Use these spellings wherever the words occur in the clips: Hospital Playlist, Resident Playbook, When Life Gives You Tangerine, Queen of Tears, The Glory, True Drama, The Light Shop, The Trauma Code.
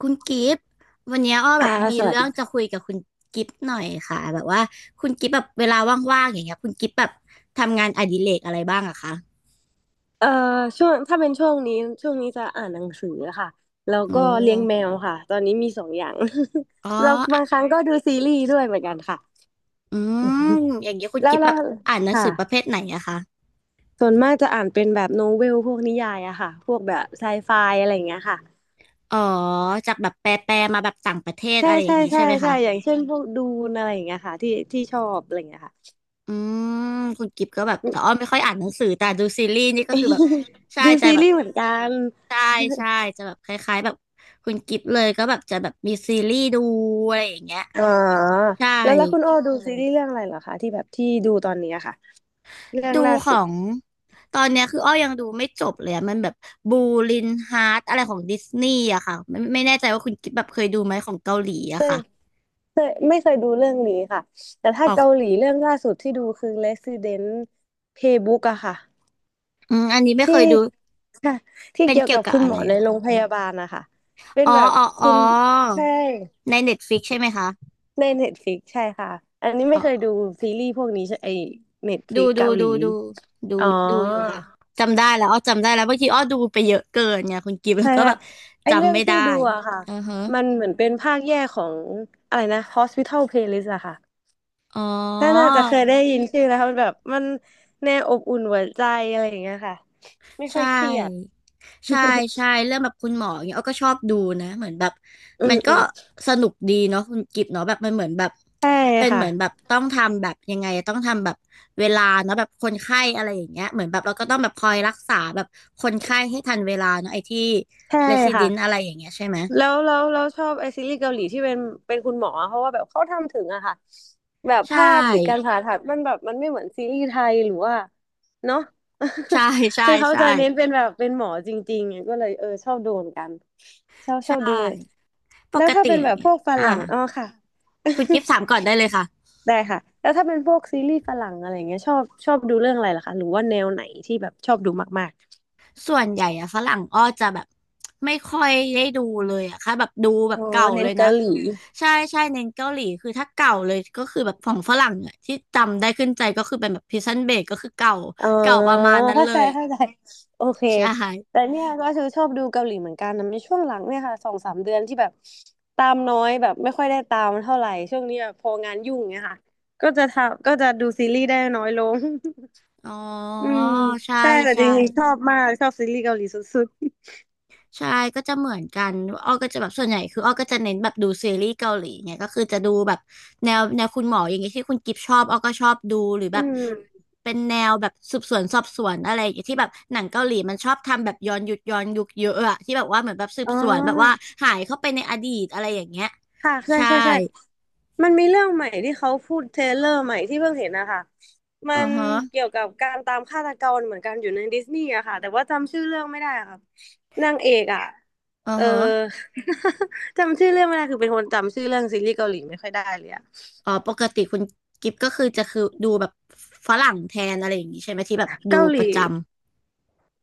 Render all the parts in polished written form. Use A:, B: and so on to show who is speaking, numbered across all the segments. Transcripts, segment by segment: A: คุณกิฟต์วันเนี้ยอ้อแบ
B: อ่า
A: บมี
B: สวัส
A: เรื่อง
B: ดี
A: จะคุยกับคุณกิฟต์หน่อยค่ะแบบว่าคุณกิฟต์แบบเวลาว่างๆอย่างเงี้ยคุณกิฟต์แบบทำงานอดิเรกอะไรบ้างอะคะ
B: เอ่อช่วงถ้าเป็นช่วงนี้ช่วงนี้จะอ่านหนังสือค่ะแล้ว
A: โอ
B: ก็เลี้ยงแม
A: ้
B: วค่ะตอนนี้มีสองอย่าง
A: อ๋อ
B: แล้วบางครั้งก็ดูซีรีส์ด้วยเหมือนกันค่ะ
A: อืมอย่างเงี้ยคุ ณ
B: แล้ว
A: กิฟต์
B: แล้
A: แบ
B: ว
A: บอ่านหนัง
B: ค่ะ
A: สือประเภทไหนอะคะ
B: ส่วนมากจะอ่านเป็นแบบโนเวลพวกนิยายอะค่ะพวกแบบไซไฟอะไรอย่างเงี้ยค่ะ
A: อ๋อจากแบบแปลๆมาแบบต่างประเทศ
B: ใช่
A: อะไรอย่า
B: ใช่
A: งงี้
B: ใช่
A: ใช่ไหม
B: ใช่
A: คะ
B: อย่างเช่นพวกดูนอะไรอย่างเงี้ยค่ะที่ที่ชอบอะไรอย่างเงี้ยค่ะ
A: อืมคุณกิฟก็แบบแต่อ้อไม่ค่อยอ่านหนังสือแต่ดูซีรีส์นี่ก็คือแบบใช่
B: ดู
A: ใจ
B: ซี
A: แบบ
B: รีส์เหมือนกัน
A: ใช่ใช่จะแบบคล้ายๆแบบคุณกิฟเลยก็แบบจะแบบมีซีรีส์ดูอะไรอย่างเงี้ย
B: อ๋อ
A: ใช่
B: แล้วคุณโอดูซีรีส์เรื่องอะไรเหรอคะที่แบบที่ดูตอนนี้อะค่ะ เรื่อง
A: ดู
B: ล่า
A: ข
B: สุ
A: อ
B: ด
A: งตอนเนี้ยคืออ้อยังดูไม่จบเลยอะมันแบบบูลินฮาร์ตอะไรของดิสนีย์อะค่ะไม่แน่ใจว่าคุณกิฟแบบเคยดูไหมของเกาหลีอะค่ะ
B: เคยไม่เคยดูเรื่องนี้ค่ะแต่ถ้า
A: ออก
B: เกาหลีเรื่องล่าสุดที่ดูคือ Resident Playbook อะค่ะ
A: อืมอันนี้ไม่เค
B: ที่
A: ยดู
B: ค่ะที่
A: เป็น
B: เกี่ยว
A: เกี่ย
B: กั
A: ว
B: บ
A: กับ
B: คุณ
A: อะ
B: หม
A: ไร
B: อใน
A: อะ
B: โร
A: ค่ะ
B: งพยาบาลนะคะเป็น
A: อ๋อ
B: แบบ
A: อ๋ออ๋
B: คุ
A: อ
B: ณใช่
A: ในเน็ตฟลิกใช่ไหมคะ
B: ใน Netflix ใช่ค่ะอันนี้ไม่เคยดูซีรีส์พวกนี้ใช่ไอ
A: ดู
B: Netflix
A: ดู
B: เกาหลี
A: ดูดูดู
B: อ๋อ
A: ดูอยู่ค่ะจำได้แล้วอ้อจำได้แล้วบางทีอ้อดูไปเยอะเกินไงคุณกิฟต์แล้
B: ใช่
A: วก็
B: ใช่
A: แบบ
B: ไอเรื่
A: จำ
B: อง
A: ไม่
B: ที่
A: ได้
B: ดูอะค่ะ
A: อือฮะ
B: มันเหมือนเป็นภาคแยกของอะไรนะ Hospital Playlist อะค่ะ
A: อ๋อ
B: ถ้าน่าจะเคยได้ยินชื่อแล้วค่ะมันแบบมันแนวอบอุ่นหัวใจอะไรอย่างเงี้ยค่ะไม่ค่
A: ใช่
B: อยเครียด
A: ใช่ ใช่เรื่องแบบคุณหมออย่างเงี้ยอ้อก็ชอบดูนะเหมือนแบบ
B: อื
A: มั
B: ม
A: นก็
B: อืม
A: สนุกดีเนาะคุณกิฟต์เนาะแบบมันเหมือนแบบ
B: ใช่
A: เป็นเห
B: ค่ะ
A: มือนแบบต้องทำแบบยังไงต้องทำแบบเวลาเนาะแบบคนไข้อะไรอย่างเงี้ยเหมือนแบบเราก็ต้องแบบคอยรักษาแบบคนไข้ให้ทันเวลาเนาะไอ้ที่
B: ใช่
A: เรซิเด
B: ค่ะ
A: นอะไรอย่างเงี้ยใช่ไหม
B: แล้วเราชอบไอซีรีส์เกาหลีที่เป็นคุณหมอเพราะว่าแบบเขาทำถึงอะค่ะแบบ
A: ใช
B: ภาพหรือการ
A: ่
B: ผ่าตัดมันแบบมันไม่เหมือนซีรีส์ไทยหรือว่าเนาะ
A: ใช่ ใช่
B: คือเขา
A: ใช่
B: จะเน้นเป็นแบบเป็นหมอจริงๆก็เลยเออชอบดูเหมือนกันชอบชอบ
A: ใช่
B: ดู
A: ป
B: แล้ว
A: ก
B: ถ้า
A: ติ
B: เป็น
A: อ
B: แบ
A: ย่าง
B: บ
A: เงี้
B: พ
A: ย
B: วกฝ
A: อ่า
B: รั่งอ๋อค่ะ
A: คุณ กิฟต์ถามก่อนได้เลยค่ะ
B: ได้ค่ะแล้วถ้าเป็นพวกซีรีส์ฝรั่งอะไรอย่างเงี้ยชอบชอบดูเรื่องอะไรล่ะคะหรือว่าแนวไหนที่แบบชอบดูมาก
A: ส่วนใหญ่อะฝรั่งอ้อจะแบบไม่ค่อยได้ดูเลยอะค่ะแบบดูแบ
B: ๆอ๋
A: บ
B: อ
A: เก่า
B: เน้
A: เล
B: น
A: ย
B: เกา
A: นะ
B: หลี
A: ใช่ใช่เน้นเกาหลีคือถ้าเก่าเลยก็คือแบบของฝรั่งอะที่จำได้ขึ้นใจก็คือเป็นแบบพิซันเบกก็คือเก่า
B: อ๋อ
A: เก่าประมาณนั้น
B: เข้า
A: เล
B: ใจ
A: ยอะ
B: เข้าใจโอเค
A: ใช่
B: แต่เนี่ยก็คือชอบดูเกาหลีเหมือนกันนะในช่วงหลังเนี่ยค่ะสองสามเดือนที่แบบตามน้อยแบบไม่ค่อยได้ตามเท่าไหร่ช่วงนี้แบบพองานยุ่งเนี่ยค่ะก็จะทำก็จะดูซีรีส์ได้น้อยลง
A: อ๋อ
B: อืม
A: ใช่
B: ใช่แต่จ
A: ใช่
B: ริงๆชอบมากชอบซีรีส์เกาหลีสุด
A: ใช่ก็จะเหมือนกันอ้อก็จะแบบส่วนใหญ่คืออ้อก็จะเน้นแบบดูซีรีส์เกาหลีเนี่ยก็คือจะดูแบบแนวแนวคุณหมออย่างเงี้ยที่คุณกิฟชอบอ้อก็ชอบดูหรือ
B: ๆ
A: แบ
B: อื
A: บ
B: ม
A: เป็นแนวแบบสืบสวนสอบสวนอะไรอย่างเงี้ยที่แบบหนังเกาหลีมันชอบทำแบบย้อนยุคย้อนยุคเยอะอะที่แบบว่าเหมือนแบบสืบ
B: อ๋
A: สวนแบบว่า
B: อ
A: หายเข้าไปในอดีตอะไรอย่างเงี้ย
B: ค่ะใช่
A: ใช่
B: ใช่ใช่มันมีเรื่องใหม่ที่เขาพูดเทรลเลอร์ใหม่ที่เพิ่งเห็นนะคะมั
A: อือ
B: น
A: ฮะ
B: เกี่ยวกับการตามฆาตกรเหมือนกันอยู่ในดิสนีย์อะค่ะแต่ว่าจำชื่อเรื่องไม่ได้อะค่ะนางเอกอะ
A: อือ
B: เออ
A: ฮะ
B: จำชื่อเรื่องไม่ได้คือเป็นคนจำชื่อเรื่องซีรีส์เกาหลีไม่ค่อยได้เลยอะ
A: อ๋อปกติคุณกิฟก็คือจะคือดูแบบฝรั่งแทนอะไรอย่างงี้ใช่ไหมที่แบบดู
B: เกาห
A: ประ
B: ลี
A: จำ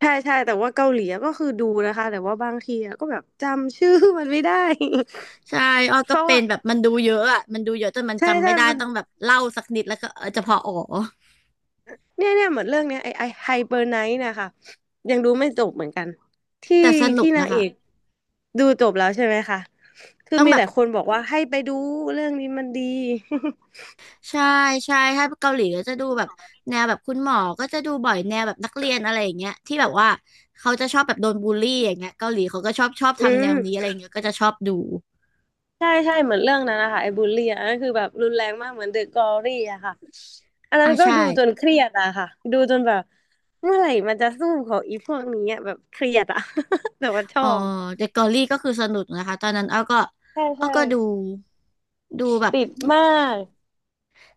B: ใช่ใช่แต่ว่าเกาหลีอะก็คือดูนะคะแต่ว่าบางทีอะก็แบบจำชื่อมันไม่ได้
A: ใช่อ้อ ก็
B: เขา
A: เป็น
B: อะ
A: แบบมันดูเยอะอ่ะมันดูเยอะจนมัน
B: ใช่
A: จำ
B: ใช่
A: ไม่ได้
B: มัน
A: ต้องแบบเล่าสักนิดแล้วก็เออจะพออ๋อ
B: เนี่ยเนี่ยเหมือนเรื่องเนี้ยไอไฮเบอร์ไนท์นะคะยังดูไม่จบเหมือนกันที่
A: แต่สนุก
B: ที่นา
A: นะ
B: งเอ
A: คะ
B: กดูจบแล้วใช่ไหมคะคือ
A: ต้อง
B: มี
A: แบบ
B: แต่คนบอกว่าให้ไปดูเรื่องนี้มันดี
A: ใช่ใช่ถ้าเกาหลีก็จะดูแบบแนวแบบคุณหมอก็จะดูบ่อยแนวแบบนักเรียนอะไรอย่างเงี้ยที่แบบว่าเขาจะชอบแบบโดนบูลลี่อย่างเงี้ยเกาหลีเขาก็ชอบชอบ
B: อื
A: ทำแนว
B: ม
A: นี้อะไรอย่างเงี้ยก็จะชอบดู
B: ใช่ใช่เหมือนเรื่องนั้นนะคะไอ้บูลลี่อะอันนั้นคือแบบรุนแรงมากเหมือนเดอะกอรี่อะค่ะอันนั้
A: อ่า
B: นก็
A: ใช่
B: ดูจนเครียดอะค่ะดูจนแบบเมื่อไหร่มันจะสู้ของอีพวกนี้อะแบบเครียดอะ แต่ว่าช
A: อ๋
B: อ
A: อ
B: บ
A: เดอะเกาหลีก็คือสนุกนะคะตอนนั้นอ้อก็
B: ใช่
A: อ้อ
B: ใช่
A: ก็ดูดูแบบ
B: ติดมาก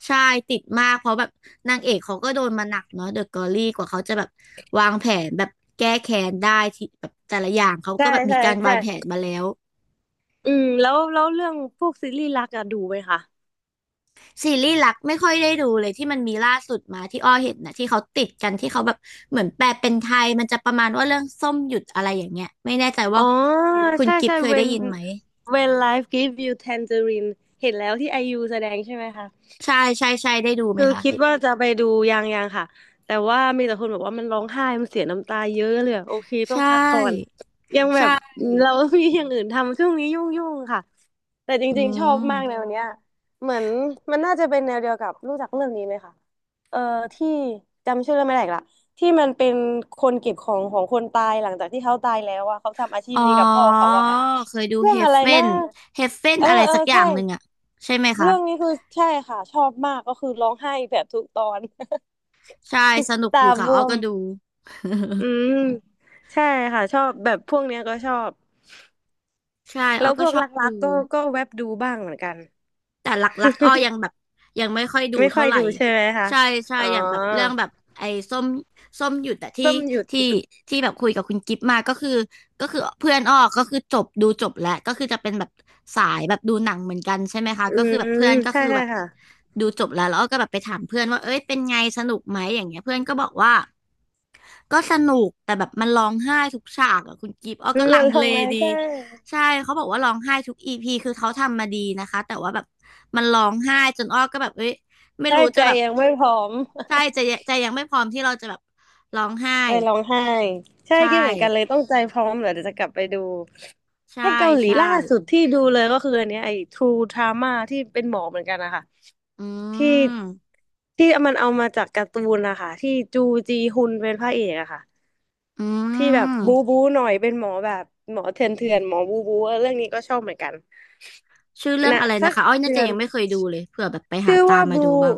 A: ใช่ติดมากเพราะแบบนางเอกเขาก็โดนมาหนักเนาะเดอะกอรี่กว่าเขาจะแบบวางแผนแบบแก้แค้นได้ที่แบบแต่ละอย่างเขา
B: ใช่
A: ก็แบบมี
B: ใช่
A: การวา
B: ใช่
A: งแผนมาแล้ว
B: อืมแล้วเรื่องพวกซีรีส์รักอะดูไหมคะ
A: ซีรีส์รักไม่ค่อยได้ดูเลยที่มันมีล่าสุดมาที่อ้อเห็นนะที่เขาติดกันที่เขาแบบเหมือนแปลเป็นไทยมันจะประมาณว่าเรื่องส้มหยุดอะไรอย่างเงี้ยไม่แน่ใจ
B: อ๋
A: ว่า
B: อ
A: คุณ
B: ใช่
A: กิฟ
B: ใช่
A: เคยได้
B: when
A: ยินไหม
B: when life give you tangerine เห็นแล้วที่ไอยูแสดงใช่ไหมคะ
A: ใช่ใช่ใช่ได้ดูไหม
B: คือ
A: คะห
B: คิด
A: รือ
B: ว่าจะไปดูยังยังค่ะแต่ว่ามีแต่คนบอกว่ามันร้องไห้มันเสียน้ำตาเยอะเลยอะโอเค
A: ใช
B: ต้องพักก่อน
A: ่
B: ยังแบบ
A: ใช่
B: เรา มีอย่างอื่นทำช่วงนี้ยุ่งๆค่ะแต่จ
A: อื
B: ริงๆชอบ
A: ม
B: มากแนวเนี้ยเหมือนมันน่าจะเป็นแนวเดียวกับรู้จักเรื่องนี้ไหมคะเอ่อที่จำชื่อเรื่องไม่ได้อีกละที่มันเป็นคนเก็บของของคนตายหลังจากที่เขาตายแล้วอะเขาทำอาชีพ
A: อ๋อ
B: นี้กับพ่อเขาอะค่ะ
A: เคยดู
B: เรื่อ
A: เฮ
B: งอะ
A: ฟ
B: ไร
A: เ e
B: นะ
A: นเฮฟเ e น
B: เออ
A: อะไร
B: เออ
A: สักอ
B: ใช่
A: ย่างหนึ่งอะใช่ไหมคะ
B: เรื่องนี้คือใช่ค่ะชอบมากก็คือร้องไห้แบบทุกตอน
A: ใช่สนุก
B: ตา
A: อยู่ค่ะ
B: บ
A: อ้อ
B: วม
A: ก็ดู
B: อืมใช่ค่ะชอบแบบพวกเนี้ยก็ชอบ
A: ใช่อ้
B: แล้
A: อ
B: วพ
A: ก็
B: วก
A: ชอ
B: ร
A: บ
B: ั
A: ดู
B: กๆก็ก็แวบดูบ้างเหมือนกัน
A: แต่หลักๆอ้อยังแบบยังไม่ค่อยดู
B: ไม่ค่อ
A: เท่า
B: ย
A: ไหร่
B: ดูใช่ไหมคะ
A: ใช่ใช่
B: อ๋อ
A: อย่างแบบเรื่องแบบไอ้ส้มส้มหยุดแต่ที่
B: เพิ่มหยุด
A: ที่ที่แบบคุยกับคุณกิฟต์มาก็คือเพื่อนอ้อก็คือจบดูจบแล้วก็คือจะเป็นแบบสายแบบดูหนังเหมือนกันใช่ไหมคะ
B: อื
A: ก็คือแบบเพื่อน
B: ม
A: ก็
B: ใช่
A: คือแบ
B: ใช่
A: บ
B: ค่ะ
A: ดูจบแล้วแล้วอ้อก็แบบไปถามเพื่อนว่าเอ้ยเป็นไงสนุกไหมอย่างเงี้ยเพื่อนก็บอกว่า ก็สนุกแต่แบบมันร้องไห้ทุกฉากอะคุณกิฟต์อ้อ
B: อื
A: ก็
B: ม
A: ลั
B: มั
A: ง
B: นล
A: เล
B: งนะ
A: ดี
B: ใช่
A: ใช่เขาบอกว่าร้องไห้ทุกอีพีคือเขาทำมาดีนะคะแต่ว่าแบบมันร้องไห้จนอ้อก็แบบเอ้ยไม่
B: ใช่
A: รู้
B: ใจ
A: จะแบบ
B: ยังไม่พร้อม
A: ใช่ใจะใจยังไม่พร้อมที่เราจะแบบร้องไห้
B: ไป
A: แบบ
B: ร้องไห้ใช่
A: ใช่
B: คิดเหมือนกันเลยต้องใจพร้อมเหรอเดี๋ยวจะกลับไปดู
A: ใช่
B: แค่เกาหลี
A: ใช่
B: ล่าสุดที่ดูเลยก็คืออันเนี้ยไอ้ True Drama ที่เป็นหมอเหมือนกันนะคะ
A: อื
B: ที่
A: ม
B: ที่มันเอามาจากการ์ตูนนะคะที่จูจีฮุนเป็นพระเอกอะค่ะ
A: อื
B: ที่แบบบู
A: ม
B: บูหน่อยเป็นหมอแบบหมอเถื่อนเถื่อนหมอบูบูเรื่องนี้ก็ชอบเหมือนกัน
A: ชื่อเรื่อง
B: นะ
A: อะไร
B: สั
A: นะ
B: ก
A: คะอ้อยน่า
B: เดื
A: จะ
B: อน
A: ยังไม่เคยดูเลยเผื่อแบบไปหา
B: ชื่อ
A: ตา
B: ว่า
A: มมา
B: บู
A: ดูบ้าง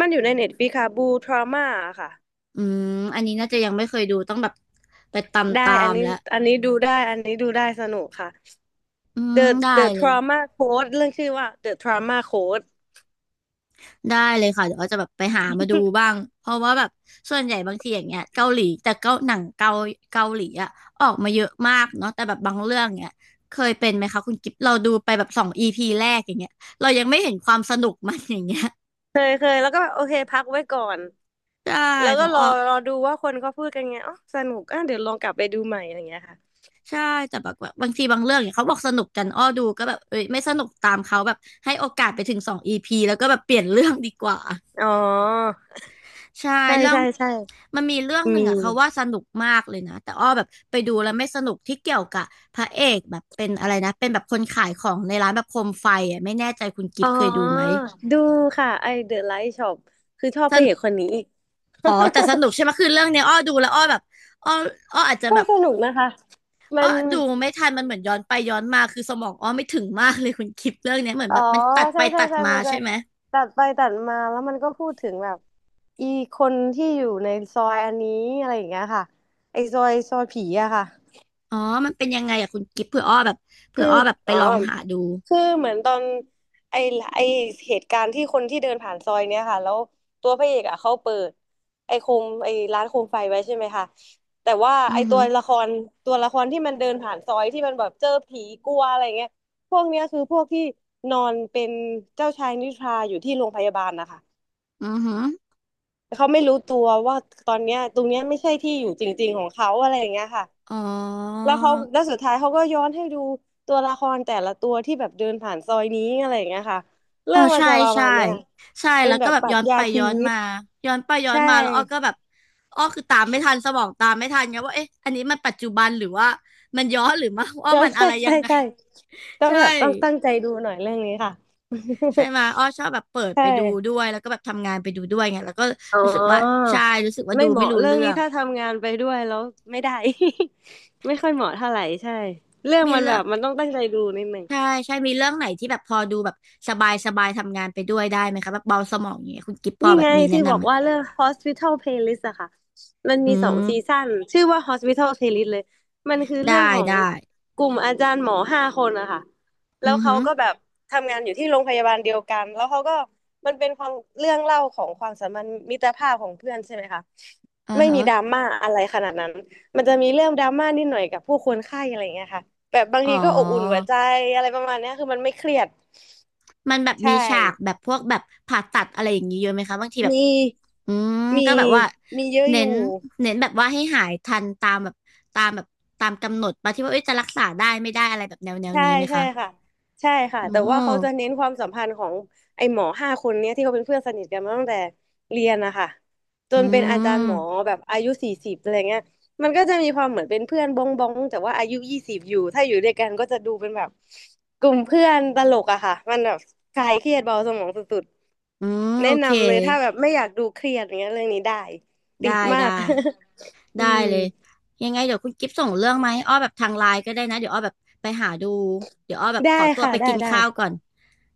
B: มันอยู่ในเน็ตฟ i ิค่ะบูทรามาค่ะ
A: อืมอันนี้น่าจะยังไม่เคยดูต้องแบบไปตาม
B: ได้
A: ตา
B: อัน
A: ม
B: นี้
A: แล้ว
B: อันนี้ดูได้อันนี้ดูได้สนุกค่ะ The
A: ได้
B: The
A: เลย
B: Trauma Code เรื่องชื่อว่า The Trauma Code
A: ได้เลยค่ะเดี๋ยวอ้อจะแบบไปหามาดูบ้างเพราะว่าแบบส่วนใหญ่บางทีอย่างเงี้ยเกาหลีแต่เกาหนังเกาเกาหลีอะออกมาเยอะมากเนาะแต่แบบบางเรื่องเนี้ยเคยเป็นไหมคะคุณกิ๊บเราดูไปแบบสองอีพีแรกอย่างเงี้ยเรายังไม่เห็นความสนุกมัน อย่างเงี้ย
B: เคยเคยแล้วก็แบบโอเคพักไว้ก่อน
A: ใช่
B: แล้ว
A: ข
B: ก็
A: อง
B: รอ
A: อ้อ
B: รอดูว่าคนเขาพูดกันไงอ๋อสนุกอ่ะเดี๋ยวลองกลับไปดูใหม่อะไรอย่างเงี้ยค่ะ
A: ใช่แต่แบบว่าบางทีบางเรื่องเนี่ยเขาบอกสนุกกันอ้อดูก็แบบเอ้ยไม่สนุกตามเขาแบบให้โอกาสไปถึงสองอีพีแล้วก็แบบเปลี่ยนเรื่องดีกว่า
B: อ๋อ
A: ใช่
B: ใช่
A: เรื่อง
B: ใช่ใช่
A: มันมีเรื่องหนึ่
B: มี
A: งอะเขาว่าสนุกมากเลยนะแต่อ้อแบบไปดูแล้วไม่สนุกที่เกี่ยวกับพระเอกแบบเป็นอะไรนะเป็นแบบคนขายของในร้านแบบโคมไฟอะไม่แน่ใจคุณกิ
B: อ๋
A: ฟ
B: อ
A: ต์เคยดูไหม
B: ดูค่ะไอ The Light Shop คือชอบ
A: ส
B: พระ
A: น
B: เอกคนนี้
A: อ๋อแต่สนุกใช่ไหม คือเรื่องเนี้ยอ้อดูแล้วอ้อแบบอ้ออ้ออาจจะ
B: ก็
A: แบบ
B: สนุกนะคะมั
A: อ้อ
B: น
A: ดูไม่ทันมันเหมือนย้อนไปย้อนมาคือสมองอ้อไม่ถึงมากเลยคุณกิฟต์เรื่องเนี้ยเหมือน
B: อ๋อ
A: แบบมันตัดไป
B: ใช่ใช่
A: ตัด
B: ใช่
A: มา
B: มันจะ
A: ใช่ไหม
B: ตัดไปตัดมาแล้วมันก็พูดถึงแบบอีคนที่อยู่ในซอยอันนี้อะไรอย่างเงี้ยค่ะไอซอยผีอะค่ะ
A: อ๋อมันเป็นยังไงอะคุณกิฟต์เผื่ออ้อแบบเผื่
B: คื
A: อ
B: อ
A: อ้อแบบไป
B: อ๋อ
A: ลองหาดู
B: คือเหมือนตอนไอ้ไอ้เหตุการณ์ที่คนที่เดินผ่านซอยเนี้ยค่ะแล้วตัวพระเอกอ่ะเขาเปิดไอ้ร้านโคมไฟไว้ใช่ไหมคะแต่ว่า
A: อื
B: ไอ้
A: อ
B: ตั
A: หื
B: ว
A: อ
B: ละครตัวละครที่มันเดินผ่านซอยที่มันแบบเจอผีกลัวอะไรเงี้ยพวกเนี้ยคือพวกที่นอนเป็นเจ้าชายนิทราอยู่ที่โรงพยาบาลนะคะ
A: อือหือ
B: เขาไม่รู้ตัวว่าตอนเนี้ยตรงเนี้ยไม่ใช่ที่อยู่จริงๆของเขาอะไรอย่างเงี้ยค่ะ
A: อ๋อ
B: แล้วสุดท้ายเขาก็ย้อนให้ดูตัวละครแต่ละตัวที่แบบเดินผ่านซอยนี้อะไรอย่างเงี้ยค่ะ
A: เออ
B: เรื่องมัน
A: ใช่
B: จะประ
A: ใช่
B: มาณเนี้ย
A: ใช่
B: เป็น
A: แล้ว
B: แบ
A: ก็
B: บ
A: แบบ
B: ปรั
A: ย้
B: ช
A: อน
B: ญา
A: ไป
B: ชี
A: ย้อน
B: วิต
A: มาย้อนไปย้อน
B: ใช่
A: มาแล้วอ้อก็แบบอ้อคือตามไม่ทันสมองตามไม่ทันไงว่าเอ๊ะอันนี้มันปัจจุบันหรือว่ามันย้อนหรือว่าว่า
B: ใช่
A: มันอะ
B: ใช่
A: ไรยั
B: ใช่
A: งไง
B: ใช่ต้ อง
A: ใช่
B: แบบต้องตั้งใจดูหน่อยเรื่องนี้ค่ะ
A: ใช่ไหมยอ้อชอบแบบเปิด ไป
B: ใช่
A: ดูด้วยแล้วก็แบบทำงานไปดูด้วยไงแล้วก็
B: อ๋อ
A: รู้สึกว่าใช่รู้สึกว่า
B: ไม่
A: ดู
B: เห
A: ไม่
B: มาะ
A: รู้
B: เรื่อง
A: เรื่อ
B: นี้
A: ง
B: ถ้าทำงานไปด้วยแล้วไม่ได้ ไม่ค่อยเหมาะเท่าไหร่ใช่เรื่อง
A: มี
B: มันแบ
A: เรื่อง
B: บมันต้องตั้งใจดูนิดนึง
A: ใช่ใช่มีเรื่องไหนที่แบบพอดูแบบสบายสบายทำงานไปด้วยได้ไหมคะแบบเบาสมองอย่างเงี้ยคุณกิฟพอ
B: นี่
A: แบบ
B: ไง
A: มีแนะ
B: ที่บอ
A: นำ
B: ก
A: ไหม
B: ว่าเรื่อง Hospital Playlist อะค่ะ มัน
A: อื
B: มีสอง
A: ม
B: ซีซั่นชื่อว่า Hospital Playlist เลย มันคือเรื่อง
A: ได้
B: ของ
A: ได้
B: กลุ่มอาจารย์หมอห้าคนอะค่ะ แล้
A: อื
B: ว
A: อ
B: เขา
A: ฮึ
B: ก็แบบทำงานอยู่ที่โรงพยาบาลเดียวกัน แล้วเขาก็มันเป็นความเรื่องเล่าของความสัมพันธ์มิตรภาพของเพื่อนใช่ไหมคะ
A: อือ
B: ไม่
A: ฮะ
B: มีดราม่าอะไรขนาดนั้น มันจะมีเรื่องดราม่านิดหน่อยกับผู้คนไข้อะไรอย่างเงี้ยค่ะแบบบาง
A: อ๋อ
B: ทีก็อบอุ่นหัวใจอะไรประมาณเนี้ยคือมันไม่เครียด
A: มันแบบ
B: ใช่
A: มีฉากแบบพวกแบบผ่าตัดอะไรอย่างนี้เยอะไหมคะบางทีแบบ
B: มี
A: อืม
B: มี
A: ก็แบบว่า
B: มีเยอะอ
A: เน้
B: ยู่
A: นเน้นแบบว่าให้หายทันตามแบบตามแบบตามกำหนดปะที่ว่าเอ้ยจะรักษาได้ไม่ได้อะไรแบบแนวแนว
B: ใช่
A: นี้ไหม
B: ใช่
A: คะ
B: ค่ะใช่ค่ะ
A: อ๋
B: แต่ว่าเขาจะ
A: อ
B: เน้นความสัมพันธ์ของไอ้หมอห้าคนเนี้ยที่เขาเป็นเพื่อนสนิทกันมาตั้งแต่เรียนนะคะจ
A: อื
B: นเป็นอาจารย์หมอ
A: ม
B: แบบอายุ40อะไรเงี้ยมันก็จะมีความเหมือนเป็นเพื่อนบ้องบ้องแต่ว่าอายุ20อยู่ถ้าอยู่ด้วยกันก็จะดูเป็นแบบกลุ่มเพื่อนตลกอะค่ะมันแบบคลายเครียดเบาสมองสุด
A: อืม
B: ๆแนะ
A: โอเค
B: นำเลยถ้าแบบไม่อยากดูเครียดอย่างเงี้ยเรื่องนี้ได้ติ
A: ได้
B: ดมา
A: ได้
B: ก อื
A: ได้
B: ม
A: เลยยังไงเดี๋ยวคุณกิฟต์ส่งเรื่องมาให้อ้อแบบทางไลน์ก็ได้นะเดี๋ยวอ้อแบบไปหาดูเดี๋ยวอ้อแบบ
B: ได้
A: ขอตัว
B: ค่ะ
A: ไป
B: ได้
A: กิน
B: ได้
A: ข้าวก่อน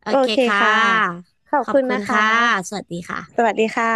A: โอ
B: โอ
A: เค
B: เค
A: ค่
B: ค่ะ
A: ะ
B: ขอบ
A: ขอบ
B: คุณ
A: คุณ
B: นะคะ
A: ค่ะสวัสดีค่ะ
B: สวัสดีค่ะ